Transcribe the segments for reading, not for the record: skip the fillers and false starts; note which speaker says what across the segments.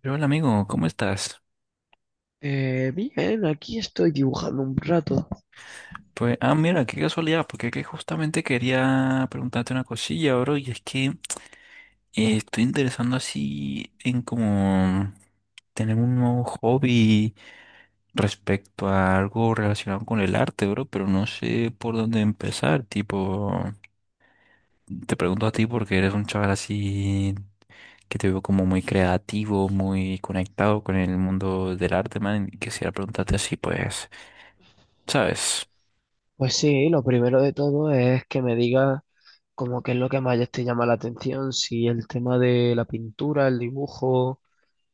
Speaker 1: Pero hola amigo, ¿cómo estás?
Speaker 2: Bien, aquí estoy dibujando un rato.
Speaker 1: Pues, mira, qué casualidad, porque que justamente quería preguntarte una cosilla, bro, y es que estoy interesando así en como tener un nuevo hobby respecto a algo relacionado con el arte, bro, pero no sé por dónde empezar, tipo, te pregunto a ti porque eres un chaval así que te veo como muy creativo, muy conectado con el mundo del arte, man, y quisiera preguntarte así, pues, ¿sabes?
Speaker 2: Pues sí, lo primero de todo es que me digas como qué es lo que más te llama la atención, si el tema de la pintura, el dibujo,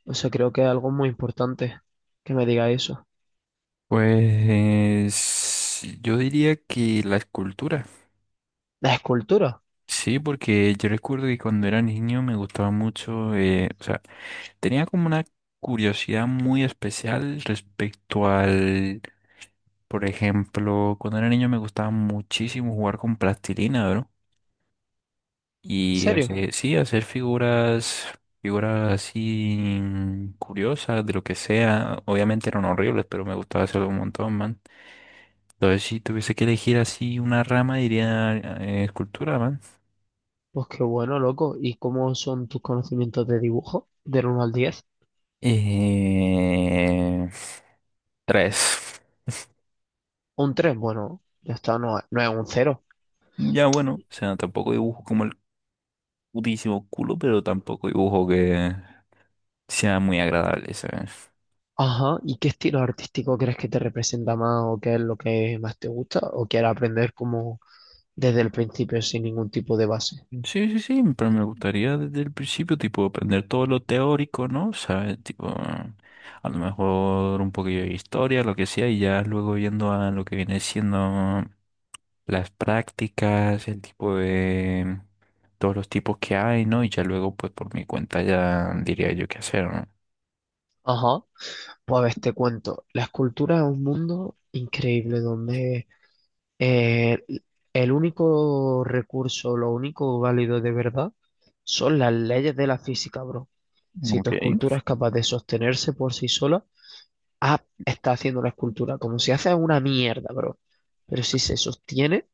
Speaker 2: o sea, creo que es algo muy importante que me diga eso.
Speaker 1: Pues yo diría que la escultura,
Speaker 2: ¿La escultura?
Speaker 1: sí, porque yo recuerdo que cuando era niño me gustaba mucho, o sea, tenía como una curiosidad muy especial respecto al, por ejemplo, cuando era niño me gustaba muchísimo jugar con plastilina, ¿no?
Speaker 2: ¿En
Speaker 1: Y
Speaker 2: serio?
Speaker 1: hacer, sí, hacer figuras, figuras así, curiosas, de lo que sea, obviamente eran horribles, pero me gustaba hacerlo un montón, man. Entonces, si tuviese que elegir así una rama, diría escultura, man.
Speaker 2: Pues qué bueno, loco. ¿Y cómo son tus conocimientos de dibujo? Del uno al 10.
Speaker 1: Eh, tres.
Speaker 2: Un 3 bueno, ya está, no, no es un cero.
Speaker 1: Ya bueno, o sea, tampoco dibujo como el putísimo culo, pero tampoco dibujo que sea muy agradable, ¿sabes?
Speaker 2: Ajá, ¿y qué estilo artístico crees que te representa más o qué es lo que más te gusta o quieres aprender como desde el principio sin ningún tipo de base?
Speaker 1: Sí, sí, sí, pero me gustaría desde el principio, tipo, aprender todo lo teórico, ¿no? ¿Sabes? Tipo, a lo mejor un poquillo de historia, lo que sea, y ya luego yendo a lo que viene siendo las prácticas, el tipo de todos los tipos que hay, ¿no? Y ya luego, pues, por mi cuenta ya diría yo qué hacer,
Speaker 2: Ajá, pues a ver, te cuento, la escultura es un mundo increíble donde eh, el único recurso, lo único válido de verdad son las leyes de la física, bro.
Speaker 1: ¿no?
Speaker 2: Si tu
Speaker 1: Okay.
Speaker 2: escultura es capaz de sostenerse por sí sola, ah, está haciendo la escultura. Como si hace una mierda, bro. Pero si se sostiene,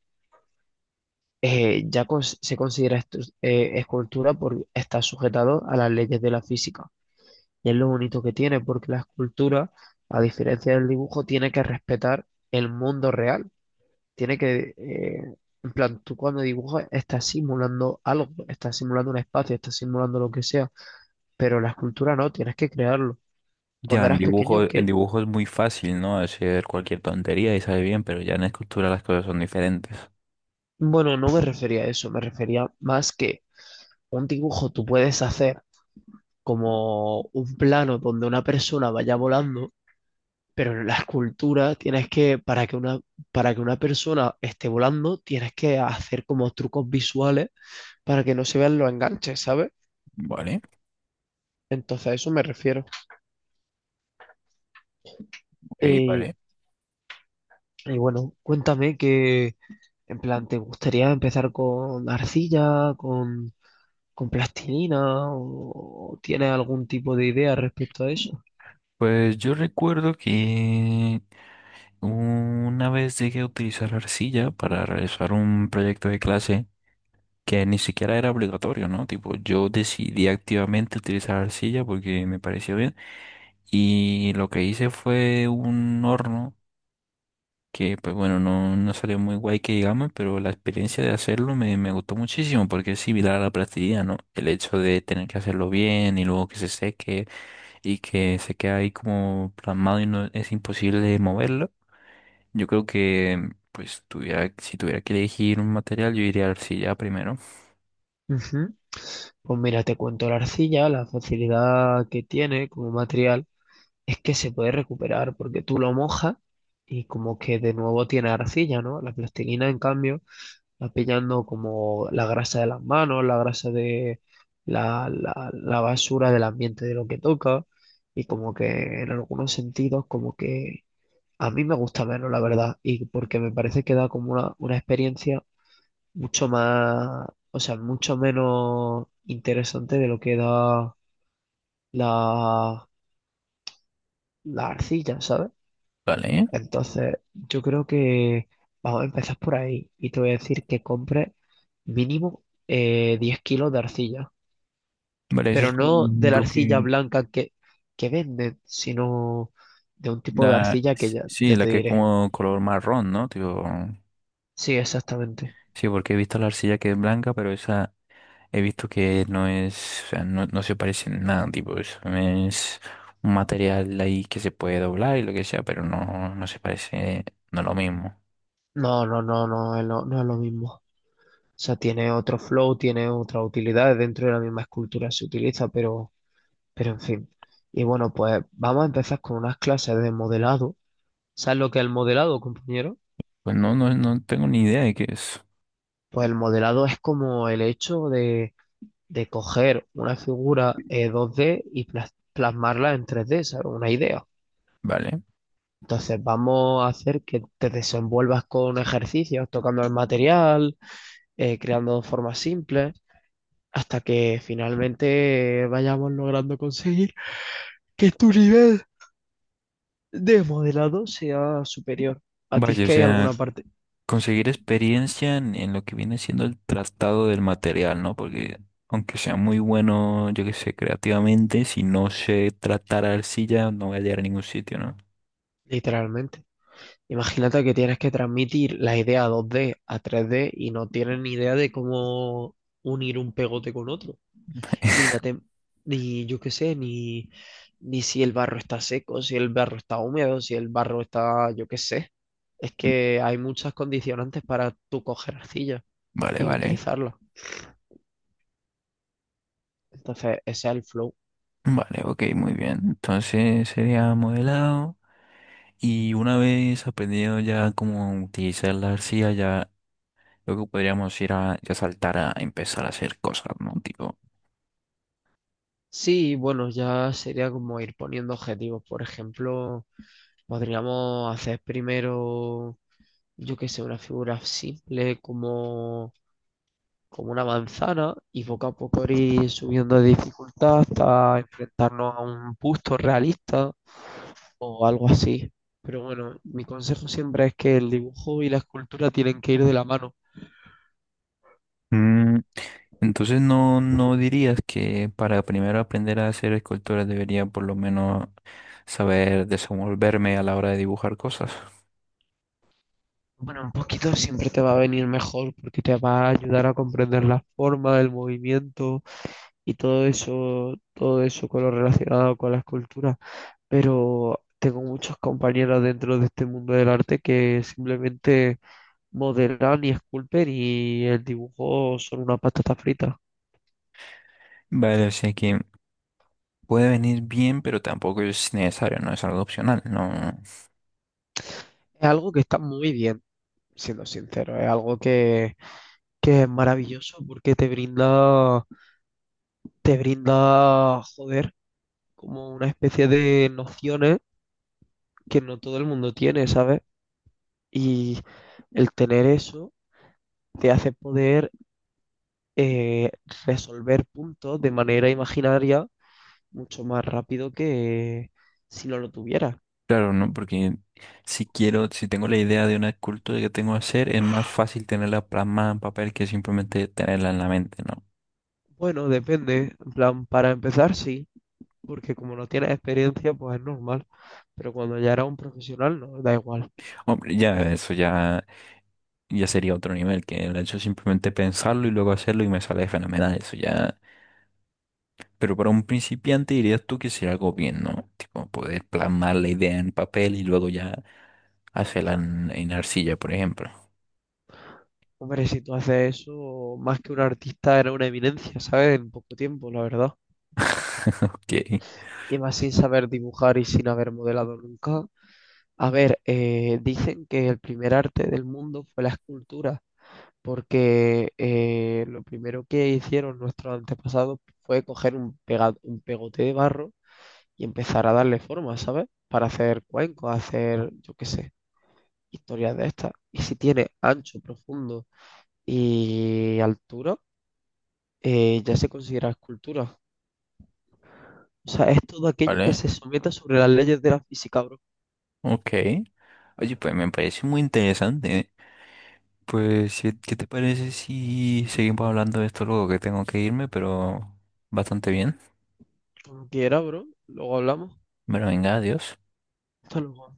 Speaker 2: ya se considera escultura porque está sujetado a las leyes de la física. Y es lo bonito que tiene, porque la escultura, a diferencia del dibujo, tiene que respetar el mundo real. Tiene que, en plan, tú cuando dibujas estás simulando algo, estás simulando un espacio, estás simulando lo que sea, pero la escultura no, tienes que crearlo.
Speaker 1: Ya
Speaker 2: Cuando eras pequeño,
Speaker 1: en
Speaker 2: que,
Speaker 1: dibujo es muy fácil, ¿no? Hacer cualquier tontería y sale bien, pero ya en escultura las cosas son diferentes.
Speaker 2: bueno, no me refería a eso, me refería más que un dibujo tú puedes hacer como un plano donde una persona vaya volando, pero en la escultura tienes que, para que una persona esté volando, tienes que hacer como trucos visuales para que no se vean los enganches, ¿sabes?
Speaker 1: Vale,
Speaker 2: Entonces a eso me refiero.
Speaker 1: ok,
Speaker 2: Y,
Speaker 1: vale.
Speaker 2: y bueno, cuéntame que, en plan, ¿te gustaría empezar con arcilla, con plastilina o tienes algún tipo de idea respecto a eso?
Speaker 1: Pues yo recuerdo que una vez llegué a utilizar arcilla para realizar un proyecto de clase que ni siquiera era obligatorio, ¿no? Tipo, yo decidí activamente utilizar arcilla porque me pareció bien y lo que hice fue un horno que, pues bueno, no salió muy guay que digamos, pero la experiencia de hacerlo me gustó muchísimo porque es similar a la plastilina, ¿no? El hecho de tener que hacerlo bien y luego que se seque y que se queda ahí como plasmado y no es imposible moverlo. Yo creo que, pues, si tuviera que elegir un material, yo iría a arcilla primero.
Speaker 2: Pues mira, te cuento la arcilla, la facilidad que tiene como material es que se puede recuperar porque tú lo mojas y como que de nuevo tiene arcilla, ¿no? La plastilina, en cambio, va pillando como la grasa de las manos, la grasa de la basura del ambiente de lo que toca y como que en algunos sentidos como que a mí me gusta menos, la verdad, y porque me parece que da como una experiencia mucho más, o sea, mucho menos interesante de lo que da la, la arcilla, ¿sabes?
Speaker 1: Vale.
Speaker 2: Entonces, yo creo que vamos a empezar por ahí y te voy a decir que compres mínimo 10 kilos de arcilla,
Speaker 1: Vale, eso
Speaker 2: pero
Speaker 1: es
Speaker 2: no
Speaker 1: un
Speaker 2: de la arcilla
Speaker 1: bloque.
Speaker 2: blanca que venden, sino de un tipo de arcilla que
Speaker 1: Sí,
Speaker 2: ya
Speaker 1: la
Speaker 2: te
Speaker 1: que es
Speaker 2: diré.
Speaker 1: como color marrón, ¿no? Tipo,
Speaker 2: Sí, exactamente.
Speaker 1: sí, porque he visto la arcilla que es blanca, pero esa he visto que no es, o sea, no se parece en nada, tipo, eso es un material ahí que se puede doblar y lo que sea, pero no se parece, no es lo mismo.
Speaker 2: No, es no es lo mismo. Sea, tiene otro flow, tiene otras utilidades dentro de la misma escultura se utiliza, pero en fin. Y bueno, pues vamos a empezar con unas clases de modelado. ¿Sabes lo que es el modelado, compañero?
Speaker 1: Pues no tengo ni idea de qué es.
Speaker 2: Pues el modelado es como el hecho de coger una figura 2D y plasmarla en 3D, ¿sabes? Una idea.
Speaker 1: Vale.
Speaker 2: Entonces vamos a hacer que te desenvuelvas con ejercicios, tocando el material, creando formas simples, hasta que finalmente vayamos logrando conseguir que tu nivel de modelado sea superior a ti es
Speaker 1: Vaya, o
Speaker 2: que hay alguna
Speaker 1: sea,
Speaker 2: parte,
Speaker 1: conseguir experiencia en lo que viene siendo el tratado del material, ¿no? Porque aunque sea muy bueno, yo qué sé, creativamente, si no sé tratar arcilla, no voy a llegar a ningún sitio, ¿no?
Speaker 2: literalmente. Imagínate que tienes que transmitir la idea 2D a 3D y no tienes ni idea de cómo unir un pegote con otro, ni la tem- ni yo qué sé, ni ni si el barro está seco, si el barro está húmedo, si el barro está, yo qué sé. Es que hay muchas condicionantes para tú coger arcilla
Speaker 1: Vale,
Speaker 2: y
Speaker 1: vale.
Speaker 2: utilizarla. Entonces, ese es el flow.
Speaker 1: Vale, ok, muy bien. Entonces sería modelado. Y una vez aprendido ya cómo utilizar la arcilla, ya luego podríamos ir a ya saltar a empezar a hacer cosas, ¿no? Tipo.
Speaker 2: Sí, bueno, ya sería como ir poniendo objetivos. Por ejemplo, podríamos hacer primero, yo qué sé, una figura simple como, como una manzana y poco a poco ir subiendo de dificultad hasta enfrentarnos a un busto realista o algo así. Pero bueno, mi consejo siempre es que el dibujo y la escultura tienen que ir de la mano.
Speaker 1: mm, Entonces no, no dirías que para primero aprender a hacer esculturas debería por lo menos saber desenvolverme a la hora de dibujar cosas.
Speaker 2: Bueno, un poquito siempre te va a venir mejor porque te va a ayudar a comprender la forma, el movimiento y todo eso con lo relacionado con la escultura. Pero tengo muchos compañeros dentro de este mundo del arte que simplemente modelan y esculpen y el dibujo son una patata frita.
Speaker 1: Vale, o sea que puede venir bien, pero tampoco es necesario, no es algo opcional, no.
Speaker 2: Es algo que está muy bien, siendo sincero. Es algo que es maravilloso porque te brinda, joder, como una especie de nociones que no todo el mundo tiene, ¿sabes? Y el tener eso te hace poder eh, resolver puntos de manera imaginaria mucho más rápido que si no lo tuviera.
Speaker 1: Claro, no, porque si quiero, si tengo la idea de una escultura que tengo que hacer, es más fácil tenerla plasmada en papel que simplemente tenerla en la mente, ¿no?
Speaker 2: Bueno, depende. En plan, para empezar, sí, porque como no tienes experiencia, pues es normal. Pero cuando ya eras un profesional, no, da igual.
Speaker 1: Hombre, ya eso, ya sería otro nivel, que el hecho de simplemente pensarlo y luego hacerlo y me sale fenomenal, eso ya. Pero para un principiante dirías tú que sería algo bien, ¿no? Tipo, poder plasmar la idea en papel y luego ya hacerla en arcilla, por ejemplo.
Speaker 2: Hombre, si tú haces eso, más que un artista, era una evidencia, ¿sabes? En poco tiempo, la verdad.
Speaker 1: Ok,
Speaker 2: Y más sin saber dibujar y sin haber modelado nunca. A ver, dicen que el primer arte del mundo fue la escultura porque lo primero que hicieron nuestros antepasados fue coger un, un pegote de barro y empezar a darle forma, ¿sabes? Para hacer cuencos, hacer, yo qué sé, historias de estas. Y si tiene ancho, profundo y altura, ya se considera escultura. O sea, es todo aquello que
Speaker 1: ¿vale?
Speaker 2: se someta sobre las leyes de la física, bro.
Speaker 1: Ok. Oye, pues me parece muy interesante. ¿Eh? Pues, si- ¿qué te parece si seguimos hablando de esto luego que tengo que irme, pero bastante bien?
Speaker 2: Como quiera, bro. Luego hablamos.
Speaker 1: Bueno, venga, adiós.
Speaker 2: Hasta luego.